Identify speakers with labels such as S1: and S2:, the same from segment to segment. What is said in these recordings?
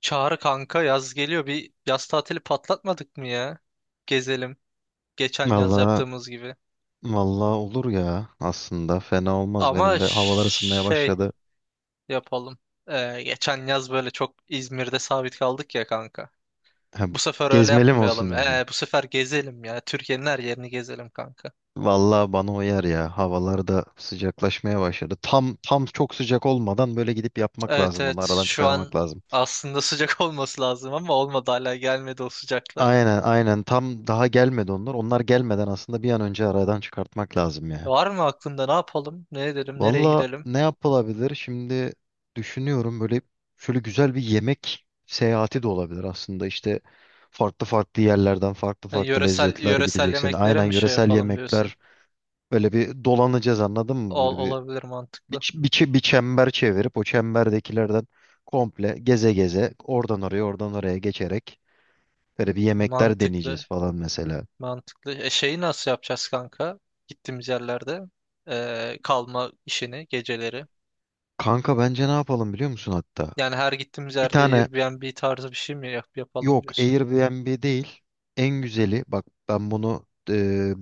S1: Çağrı kanka, yaz geliyor. Bir yaz tatili patlatmadık mı ya? Gezelim. Geçen yaz
S2: Valla
S1: yaptığımız gibi.
S2: valla olur ya, aslında fena olmaz,
S1: Ama
S2: benim de havalar ısınmaya
S1: şey
S2: başladı.
S1: yapalım. Geçen yaz böyle çok İzmir'de sabit kaldık ya kanka.
S2: Ha,
S1: Bu sefer öyle
S2: gezmeli mi olsun
S1: yapmayalım.
S2: diyorsun?
S1: Bu sefer gezelim ya. Türkiye'nin her yerini gezelim kanka.
S2: Valla bana uyar ya, havalar da sıcaklaşmaya başladı. Tam çok sıcak olmadan böyle gidip yapmak
S1: Evet,
S2: lazım, onu
S1: evet.
S2: aradan
S1: Şu
S2: çıkarmak
S1: an
S2: lazım.
S1: aslında sıcak olması lazım ama olmadı, hala gelmedi o sıcaklar.
S2: Aynen aynen, tam daha gelmedi, onlar gelmeden aslında bir an önce aradan çıkartmak lazım ya.
S1: Var mı aklında, ne yapalım? Ne edelim? Nereye
S2: Valla,
S1: gidelim?
S2: ne yapılabilir? Şimdi düşünüyorum, böyle şöyle güzel bir yemek seyahati de olabilir aslında. İşte farklı farklı yerlerden farklı
S1: Ha,
S2: farklı
S1: yöresel
S2: lezzetler
S1: yöresel
S2: gideceksin.
S1: yemeklere
S2: Aynen,
S1: mi şey
S2: yöresel
S1: yapalım diyorsun?
S2: yemekler, böyle bir dolanacağız, anladın mı?
S1: Ol,
S2: Böyle bir,
S1: olabilir
S2: bir,
S1: mantıklı.
S2: ç- bir, ç- bir çember çevirip o çemberdekilerden komple geze geze oradan oraya, oradan oraya geçerek böyle bir yemekler
S1: Mantıklı.
S2: deneyeceğiz falan mesela.
S1: Mantıklı. E, şeyi nasıl yapacağız kanka? Gittiğimiz yerlerde, kalma işini, geceleri.
S2: Kanka, bence ne yapalım biliyor musun hatta?
S1: Yani her gittiğimiz
S2: Bir
S1: yerde
S2: tane
S1: Airbnb tarzı bir şey mi yapalım
S2: Yok,
S1: diyorsun?
S2: Airbnb değil. En güzeli bak, ben bunu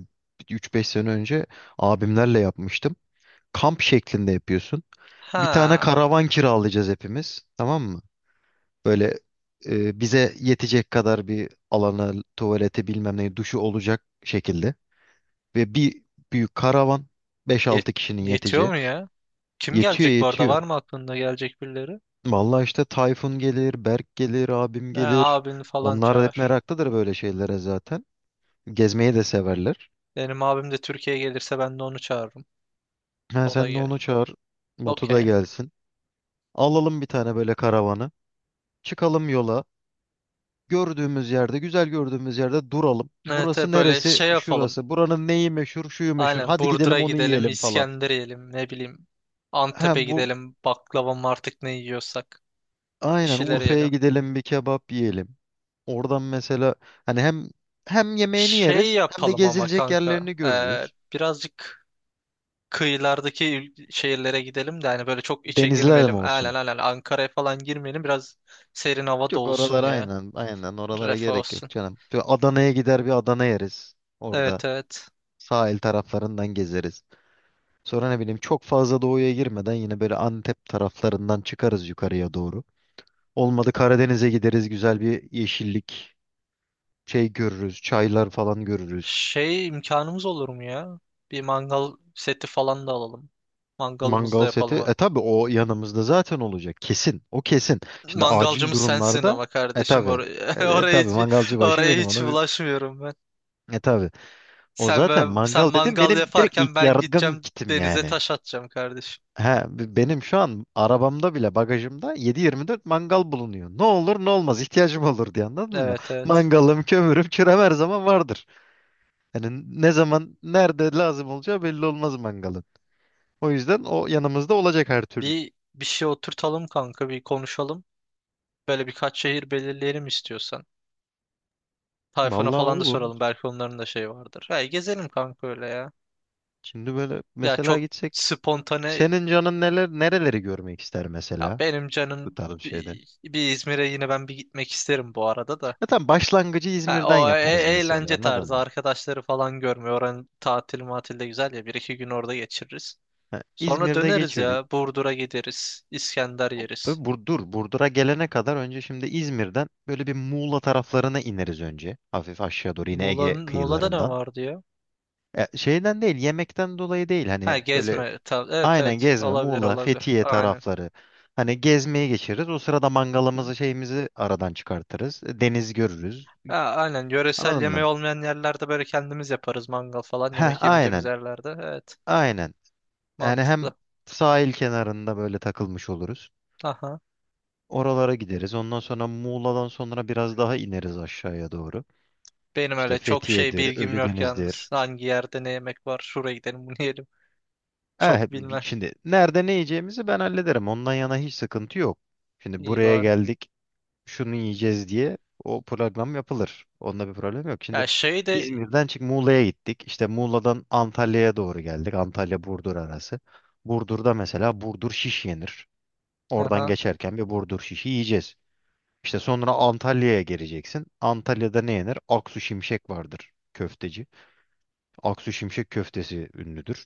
S2: 3-5 sene önce abimlerle yapmıştım. Kamp şeklinde yapıyorsun. Bir tane
S1: Ha,
S2: karavan kiralayacağız hepimiz. Tamam mı? Böyle bize yetecek kadar bir alanı, tuvaleti bilmem ne, duşu olacak şekilde. Ve bir büyük karavan, beş
S1: yet-
S2: altı kişinin
S1: yetiyor
S2: yeteceği.
S1: mu ya? Kim
S2: Yetiyor,
S1: gelecek bu arada?
S2: yetiyor.
S1: Var mı aklında gelecek birileri?
S2: Vallahi işte Tayfun gelir, Berk gelir, abim
S1: Ha,
S2: gelir.
S1: abini falan
S2: Onlar hep
S1: çağır.
S2: meraklıdır böyle şeylere zaten. Gezmeyi de severler.
S1: Benim abim de Türkiye'ye gelirse ben de onu çağırırım.
S2: Ha,
S1: O da
S2: sen de onu
S1: gelir.
S2: çağır. Batu da
S1: Okey.
S2: gelsin. Alalım bir tane böyle karavanı. Çıkalım yola. Gördüğümüz yerde, güzel gördüğümüz yerde duralım.
S1: Evet,
S2: Burası
S1: böyle
S2: neresi?
S1: şey yapalım.
S2: Şurası. Buranın neyi meşhur? Şuyu meşhur.
S1: Aynen
S2: Hadi
S1: Burdur'a
S2: gidelim onu
S1: gidelim,
S2: yiyelim falan.
S1: İskender yiyelim, ne bileyim,
S2: Ha
S1: Antep'e
S2: bu
S1: gidelim, baklava mı artık ne yiyorsak, bir
S2: aynen,
S1: şeyler
S2: Urfa'ya
S1: yiyelim.
S2: gidelim bir kebap yiyelim. Oradan mesela, hani hem yemeğini
S1: Şey
S2: yeriz, hem de
S1: yapalım ama
S2: gezilecek
S1: kanka,
S2: yerlerini görürüz.
S1: birazcık kıyılardaki şehirlere gidelim de hani böyle çok içe
S2: Denizler mi
S1: girmeyelim. Aynen
S2: olsun?
S1: aynen Ankara'ya falan girmeyelim, biraz serin hava da
S2: Yok,
S1: olsun
S2: oralara,
S1: ya.
S2: aynen aynen, oralara
S1: Refah
S2: gerek
S1: olsun.
S2: yok canım. Şöyle Adana'ya gider bir Adana yeriz orada.
S1: Evet, evet.
S2: Sahil taraflarından gezeriz. Sonra ne bileyim, çok fazla doğuya girmeden yine böyle Antep taraflarından çıkarız yukarıya doğru. Olmadı, Karadeniz'e gideriz, güzel bir yeşillik şey görürüz. Çaylar falan görürüz.
S1: Şey, imkanımız olur mu ya? Bir mangal seti falan da alalım. Mangalımızı da
S2: Mangal seti.
S1: yapalım.
S2: E tabi, o yanımızda zaten olacak. Kesin. O kesin. Şimdi acil
S1: Mangalcımız sensin
S2: durumlarda
S1: ama
S2: e
S1: kardeşim,
S2: tabi.
S1: oraya
S2: E, e
S1: oraya
S2: tabi,
S1: hiç,
S2: mangalcı başı
S1: oraya
S2: benim
S1: hiç
S2: onu.
S1: bulaşmıyorum ben.
S2: E tabi. O
S1: Sen ve
S2: zaten
S1: sen
S2: mangal dedim,
S1: mangal
S2: benim direkt
S1: yaparken
S2: ilk
S1: ben
S2: yardım
S1: gideceğim
S2: kitim
S1: denize,
S2: yani.
S1: taş atacağım kardeşim.
S2: Ha, benim şu an arabamda bile, bagajımda 7-24 mangal bulunuyor. Ne olur ne olmaz ihtiyacım olur diye, anladın mı?
S1: Evet, evet.
S2: Mangalım, kömürüm, kürem her zaman vardır. Yani ne zaman nerede lazım olacağı belli olmaz mangalın. O yüzden o yanımızda olacak her türlü.
S1: Bir şey oturtalım kanka, bir konuşalım. Böyle birkaç şehir belirleyelim istiyorsan. Tayfun'a
S2: Vallahi
S1: falan da
S2: olur.
S1: soralım, belki onların da şeyi vardır. Hey, gezelim kanka öyle ya.
S2: Şimdi böyle
S1: Ya
S2: mesela
S1: çok
S2: gitsek,
S1: spontane,
S2: senin canın neler, nereleri görmek ister
S1: ya
S2: mesela
S1: benim
S2: bu
S1: canım
S2: tarz bir şeyde?
S1: bir İzmir'e yine ben bir gitmek isterim bu arada da.
S2: Zaten başlangıcı
S1: Ha,
S2: İzmir'den
S1: o
S2: yaparız mesela,
S1: eğlence
S2: anladın
S1: tarzı
S2: mı?
S1: arkadaşları falan görmüyor. Oranın tatil matil de güzel ya. Bir iki gün orada geçiririz.
S2: Ha,
S1: Sonra
S2: İzmir'de
S1: döneriz
S2: geçirdik.
S1: ya. Burdur'a gideriz. İskender yeriz.
S2: Tabii Burdur'a gelene kadar önce, şimdi İzmir'den böyle bir Muğla taraflarına ineriz önce. Hafif aşağı doğru yine Ege
S1: Muğla'nın, Muğla'da ne
S2: kıyılarından.
S1: vardı ya?
S2: Şeyden değil, yemekten dolayı değil.
S1: Ha,
S2: Hani böyle
S1: gezme. Evet,
S2: aynen
S1: evet.
S2: gezme,
S1: Olabilir,
S2: Muğla,
S1: olabilir.
S2: Fethiye
S1: Aynen.
S2: tarafları. Hani gezmeye geçeriz. O sırada
S1: Hı-hı.
S2: mangalımızı, şeyimizi aradan çıkartırız. Deniz görürüz.
S1: Ha, aynen. Yöresel
S2: Anladın
S1: yemeği
S2: mı?
S1: olmayan yerlerde böyle kendimiz yaparız. Mangal falan,
S2: Heh,
S1: yemek yemeyeceğimiz
S2: aynen.
S1: yerlerde. Evet.
S2: Aynen. Yani hem
S1: Mantıklı.
S2: sahil kenarında böyle takılmış oluruz.
S1: Aha.
S2: Oralara gideriz. Ondan sonra Muğla'dan sonra biraz daha ineriz aşağıya doğru.
S1: Benim
S2: İşte
S1: öyle çok şey
S2: Fethiye'dir,
S1: bilgim yok yalnız.
S2: Ölüdeniz'dir.
S1: Hangi yerde ne yemek var? Şuraya gidelim, bunu yiyelim. Çok bilme.
S2: Şimdi nerede ne yiyeceğimizi ben hallederim. Ondan yana hiç sıkıntı yok. Şimdi
S1: İyi
S2: buraya
S1: bari.
S2: geldik, şunu yiyeceğiz diye o program yapılır. Onda bir problem yok. Şimdi
S1: Ya şey de,
S2: İzmir'den çık, Muğla'ya gittik. İşte Muğla'dan Antalya'ya doğru geldik. Antalya-Burdur arası. Burdur'da mesela Burdur şiş yenir. Oradan
S1: aha,
S2: geçerken bir Burdur şişi yiyeceğiz. İşte sonra Antalya'ya geleceksin. Antalya'da ne yenir? Aksu Şimşek vardır, köfteci. Aksu Şimşek köftesi ünlüdür.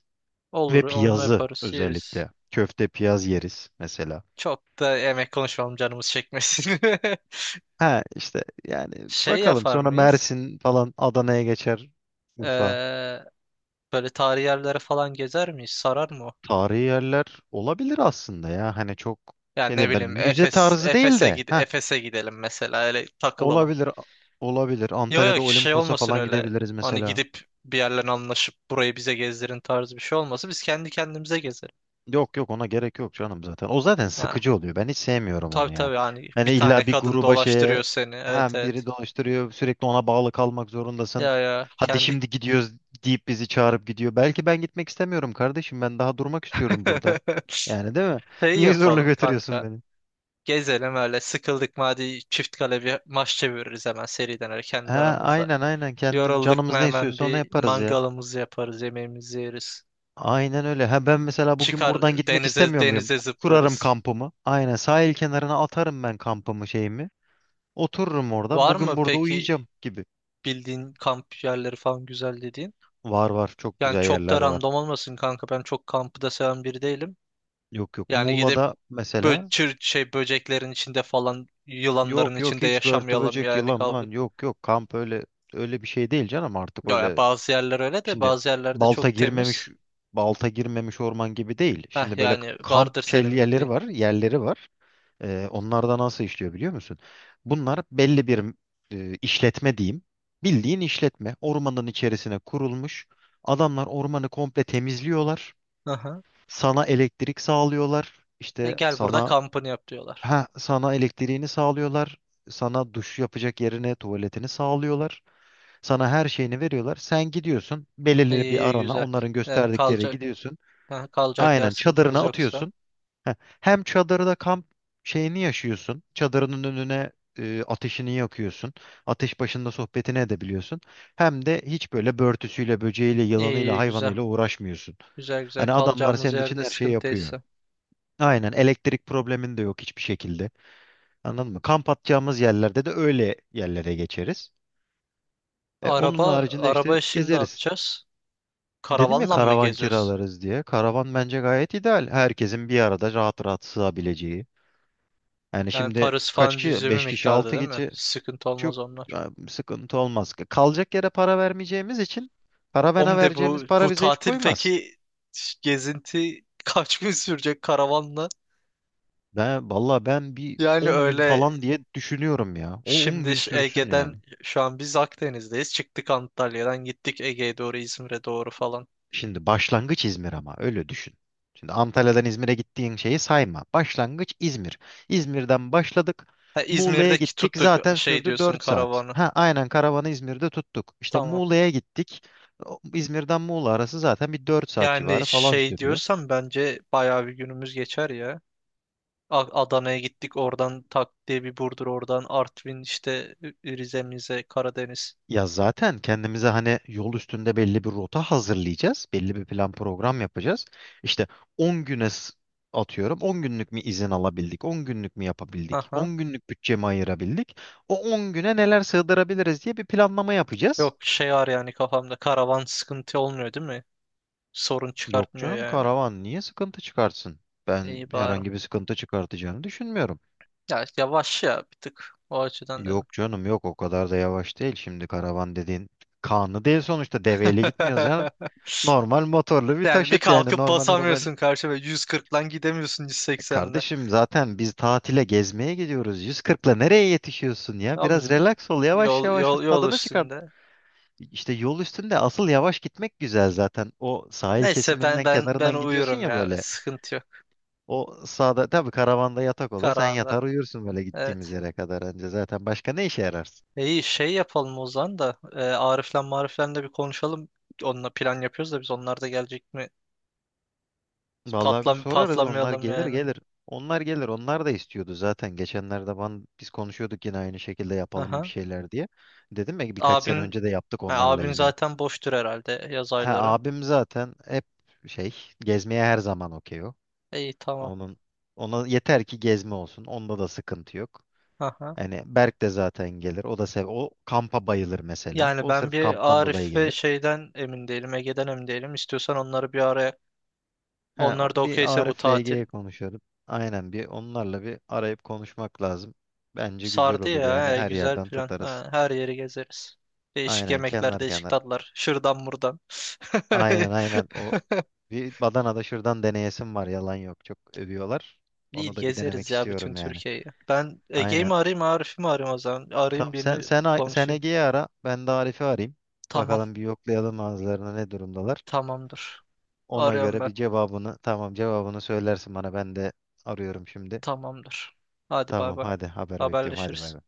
S2: Ve
S1: olur, onunla
S2: piyazı
S1: yaparız yeriz.
S2: özellikle. Köfte piyaz yeriz mesela.
S1: Çok da yemek konuşalım, canımız çekmesin.
S2: Ha işte yani
S1: Şey
S2: bakalım,
S1: yapar
S2: sonra
S1: mıyız?
S2: Mersin falan, Adana'ya geçer.
S1: Ee,
S2: Urfa.
S1: böyle tarihi yerlere falan gezer miyiz? Sarar mı o?
S2: Tarihi yerler olabilir aslında ya. Hani çok
S1: Yani
S2: şey
S1: ne
S2: değil, böyle
S1: bileyim,
S2: müze tarzı değil
S1: Efes'e
S2: de. Ha,
S1: Efes'e gidelim mesela, öyle takılalım.
S2: olabilir olabilir.
S1: Yok
S2: Antalya'da
S1: yok, şey
S2: Olimpos'a
S1: olmasın
S2: falan
S1: öyle.
S2: gidebiliriz
S1: Hani
S2: mesela.
S1: gidip bir yerlerle anlaşıp burayı bize gezdirin tarzı bir şey olmasın. Biz kendi kendimize gezelim.
S2: Yok yok, ona gerek yok canım zaten. O zaten
S1: Ha.
S2: sıkıcı oluyor. Ben hiç sevmiyorum
S1: Tabii
S2: onu ya.
S1: tabii, hani
S2: Yani
S1: bir tane
S2: illa bir
S1: kadın
S2: gruba,
S1: dolaştırıyor
S2: şeye,
S1: seni. Evet,
S2: hem biri
S1: evet.
S2: dolaştırıyor, sürekli ona bağlı kalmak zorundasın.
S1: Ya ya
S2: Hadi
S1: kendi
S2: şimdi gidiyoruz deyip bizi çağırıp gidiyor. Belki ben gitmek istemiyorum kardeşim. Ben daha durmak istiyorum burada. Yani, değil mi?
S1: şey
S2: Niye zorla
S1: yapalım
S2: götürüyorsun
S1: kanka.
S2: beni?
S1: Gezelim öyle. Sıkıldık mı hadi çift kale bir maç çeviririz hemen seriden, öyle kendi
S2: Ha,
S1: aramızda.
S2: aynen aynen, kendi
S1: Yorulduk mu
S2: canımız ne
S1: hemen
S2: istiyorsa onu
S1: bir
S2: yaparız ya.
S1: mangalımızı yaparız, yemeğimizi yeriz.
S2: Aynen öyle. Ha, ben mesela bugün
S1: Çıkar
S2: buradan gitmek
S1: denize,
S2: istemiyor muyum?
S1: denize
S2: Kurarım
S1: zıplarız.
S2: kampımı. Aynen, sahil kenarına atarım ben kampımı, şeyimi. Otururum orada.
S1: Var
S2: Bugün
S1: mı
S2: burada
S1: peki
S2: uyuyacağım gibi.
S1: bildiğin kamp yerleri falan güzel dediğin?
S2: Var var, çok
S1: Yani
S2: güzel
S1: çok
S2: yerler
S1: da random
S2: var.
S1: olmasın kanka. Ben çok kampı da seven biri değilim.
S2: Yok yok,
S1: Yani gidip
S2: Muğla'da
S1: bö
S2: mesela
S1: çür- şey böceklerin içinde falan, yılanların
S2: yok yok,
S1: içinde
S2: hiç börtü
S1: yaşamayalım
S2: böcek
S1: yani,
S2: yılan lan
S1: kalkıp.
S2: yok yok, kamp öyle öyle bir şey değil canım artık.
S1: Ya ya
S2: Öyle,
S1: bazı yerler öyle de
S2: şimdi
S1: bazı yerlerde
S2: balta
S1: çok
S2: girmemiş,
S1: temiz.
S2: balta girmemiş orman gibi değil.
S1: Heh,
S2: Şimdi böyle
S1: yani
S2: kamp
S1: vardır
S2: şey
S1: senin
S2: yerleri
S1: bildiğin.
S2: var, yerleri var. Onlar da nasıl işliyor biliyor musun? Bunlar belli bir işletme diyeyim. Bildiğin işletme ormanın içerisine kurulmuş. Adamlar ormanı komple temizliyorlar.
S1: Aha.
S2: Sana elektrik sağlıyorlar.
S1: E, gel burada kampını yap diyorlar.
S2: Sana elektriğini sağlıyorlar. Sana duş yapacak yerine, tuvaletini sağlıyorlar. Sana her şeyini veriyorlar. Sen gidiyorsun
S1: İyi
S2: belirli bir
S1: iyi,
S2: arana,
S1: güzel.
S2: onların
S1: Yani
S2: gösterdikleri,
S1: kalacak,
S2: gidiyorsun.
S1: ha, kalacak yer
S2: Aynen,
S1: sıkıntımız
S2: çadırına
S1: yoksa.
S2: atıyorsun. Heh, Hem çadırda kamp şeyini yaşıyorsun. Çadırının önüne ateşini yakıyorsun. Ateş başında sohbetini edebiliyorsun. Hem de hiç böyle börtüsüyle, böceğiyle,
S1: İyi
S2: yılanıyla,
S1: iyi,
S2: hayvanıyla
S1: güzel.
S2: uğraşmıyorsun.
S1: Güzel güzel,
S2: Hani adamlar
S1: kalacağımız
S2: senin için
S1: yerde
S2: her şeyi yapıyor.
S1: sıkıntıysa.
S2: Aynen, elektrik problemin de yok hiçbir şekilde. Anladın mı? Kamp atacağımız yerlerde de öyle yerlere geçeriz. Onun
S1: Araba
S2: haricinde işte
S1: araba işini ne
S2: gezeriz.
S1: yapacağız?
S2: Dedim ya
S1: Karavanla mı
S2: karavan
S1: geziyoruz?
S2: kiralarız diye. Karavan bence gayet ideal. Herkesin bir arada rahat rahat sığabileceği. Yani
S1: Yani
S2: şimdi
S1: parası
S2: kaç
S1: falan
S2: kişi?
S1: cüzi bir
S2: 5 kişi,
S1: miktarda
S2: 6
S1: değil mi?
S2: kişi.
S1: Sıkıntı
S2: Çok
S1: olmaz onlar.
S2: sıkıntı olmaz. Kalacak yere para vermeyeceğimiz için, karavana
S1: Om de
S2: vereceğimiz
S1: bu
S2: para
S1: bu
S2: bize hiç
S1: tatil
S2: koymaz.
S1: peki, gezinti kaç gün sürecek karavanla?
S2: Valla, ben bir
S1: Yani
S2: 10 gün
S1: öyle,
S2: falan diye düşünüyorum ya. O 10
S1: şimdi
S2: gün sürsün yani.
S1: Ege'den, şu an biz Akdeniz'deyiz. Çıktık Antalya'dan, gittik Ege'ye doğru, İzmir'e doğru falan.
S2: Şimdi başlangıç İzmir ama öyle düşün. Şimdi Antalya'dan İzmir'e gittiğin şeyi sayma. Başlangıç İzmir. İzmir'den başladık.
S1: Ha,
S2: Muğla'ya
S1: İzmir'deki
S2: gittik.
S1: tuttuk
S2: Zaten
S1: şey
S2: sürdü
S1: diyorsun,
S2: 4 saat.
S1: karavanı.
S2: Ha aynen, karavanı İzmir'de tuttuk. İşte
S1: Tamam.
S2: Muğla'ya gittik. İzmir'den Muğla arası zaten bir 4 saat
S1: Yani
S2: civarı falan
S1: şey
S2: sürüyor.
S1: diyorsan bence bayağı bir günümüz geçer ya. Adana'ya gittik, oradan tak diye bir Burdur, oradan Artvin, işte Rize Mize, Karadeniz.
S2: Ya zaten kendimize hani yol üstünde belli bir rota hazırlayacağız. Belli bir plan program yapacağız. İşte 10 güne atıyorum. 10 günlük mi izin alabildik? 10 günlük mü yapabildik?
S1: Aha.
S2: 10 günlük bütçemi ayırabildik? O 10 güne neler sığdırabiliriz diye bir planlama yapacağız.
S1: Yok, şey var yani kafamda, karavan sıkıntı olmuyor değil mi? Sorun
S2: Yok
S1: çıkartmıyor
S2: canım,
S1: yani.
S2: karavan niye sıkıntı çıkartsın? Ben
S1: İyi bari.
S2: herhangi bir sıkıntı çıkartacağını düşünmüyorum.
S1: Ya yavaş ya, bir tık o açıdan dedim.
S2: Yok canım, yok o kadar da yavaş değil. Şimdi karavan dediğin kanlı değil sonuçta, deveyle gitmiyoruz ya. Normal motorlu bir
S1: Yani bir
S2: taşıt, yani
S1: kalkıp
S2: normal arabayla.
S1: basamıyorsun karşı, ve 140'lan gidemiyorsun
S2: E
S1: 180'den.
S2: kardeşim, zaten biz tatile gezmeye gidiyoruz. 140'la nereye yetişiyorsun ya?
S1: Tamam
S2: Biraz
S1: mı?
S2: relax ol, yavaş
S1: Yol
S2: yavaş
S1: yol yol
S2: tadını çıkar.
S1: üstünde.
S2: İşte yol üstünde asıl yavaş gitmek güzel zaten. O sahil
S1: Neyse ben
S2: kesiminden,
S1: ben ben
S2: kenarından gidiyorsun
S1: uyurum
S2: ya
S1: ya.
S2: böyle.
S1: Sıkıntı yok.
S2: O sağda tabii karavanda yatak olur. Sen
S1: Karanlıkta.
S2: yatar uyursun böyle gittiğimiz
S1: Evet.
S2: yere kadar önce. Zaten başka ne işe yararsın?
S1: E, İyi şey yapalım o zaman da, Arif'le Marif'le de bir konuşalım. Onunla plan yapıyoruz da biz, onlar da gelecek mi?
S2: Vallahi bir sorarız, onlar
S1: Patlamayalım
S2: gelir
S1: yani.
S2: gelir. Onlar gelir. Onlar da istiyordu zaten. Geçenlerde biz konuşuyorduk, yine aynı şekilde yapalım bir
S1: Aha.
S2: şeyler diye. Dedim ya, birkaç sene
S1: Abin,
S2: önce de yaptık
S1: ha,
S2: onlarla
S1: abin
S2: yine.
S1: zaten boştur herhalde yaz
S2: He,
S1: ayları.
S2: abim zaten hep şey, gezmeye her zaman okey o.
S1: İyi, tamam.
S2: Onun Ona yeter ki gezme olsun. Onda da sıkıntı yok.
S1: Aha.
S2: Hani Berk de zaten gelir. O da o kampa bayılır mesela.
S1: Yani
S2: O
S1: ben
S2: sırf
S1: bir
S2: kamptan dolayı
S1: Arif ve
S2: gelir.
S1: şeyden emin değilim, Ege'den emin değilim. İstiyorsan onları bir araya,
S2: He,
S1: onlar da
S2: bir
S1: okeyse bu
S2: Arif
S1: tatil.
S2: LG'ye konuşalım. Aynen, bir onlarla bir arayıp konuşmak lazım. Bence güzel
S1: Sardı
S2: olur
S1: ya,
S2: yani,
S1: he,
S2: her
S1: güzel
S2: yerden
S1: plan.
S2: tatarız.
S1: Ha, her yeri gezeriz. Değişik
S2: Aynen,
S1: yemekler,
S2: kenar
S1: değişik
S2: kenar.
S1: tatlar. Şırdan buradan.
S2: Aynen aynen, o bir Badana'da şuradan deneyesim var, yalan yok çok övüyorlar.
S1: İyi,
S2: Onu da bir denemek
S1: gezeriz ya bütün
S2: istiyorum yani.
S1: Türkiye'yi. Ben Ege'yi
S2: Aynen.
S1: mi arayayım, Arif'i mi arayayım o zaman? Arayayım
S2: Tamam, sen
S1: birini,
S2: sen A- sen
S1: konuşayım.
S2: Ege'yi ara. Ben de Arif'i arayayım.
S1: Tamam,
S2: Bakalım bir yoklayalım ağızlarına ne durumdalar.
S1: tamamdır.
S2: Ona
S1: Arıyorum
S2: göre
S1: ben.
S2: bir cevabını söylersin bana. Ben de arıyorum şimdi.
S1: Tamamdır. Hadi bay
S2: Tamam,
S1: bay.
S2: hadi haber bekliyorum. Hadi bay
S1: Haberleşiriz.
S2: bay.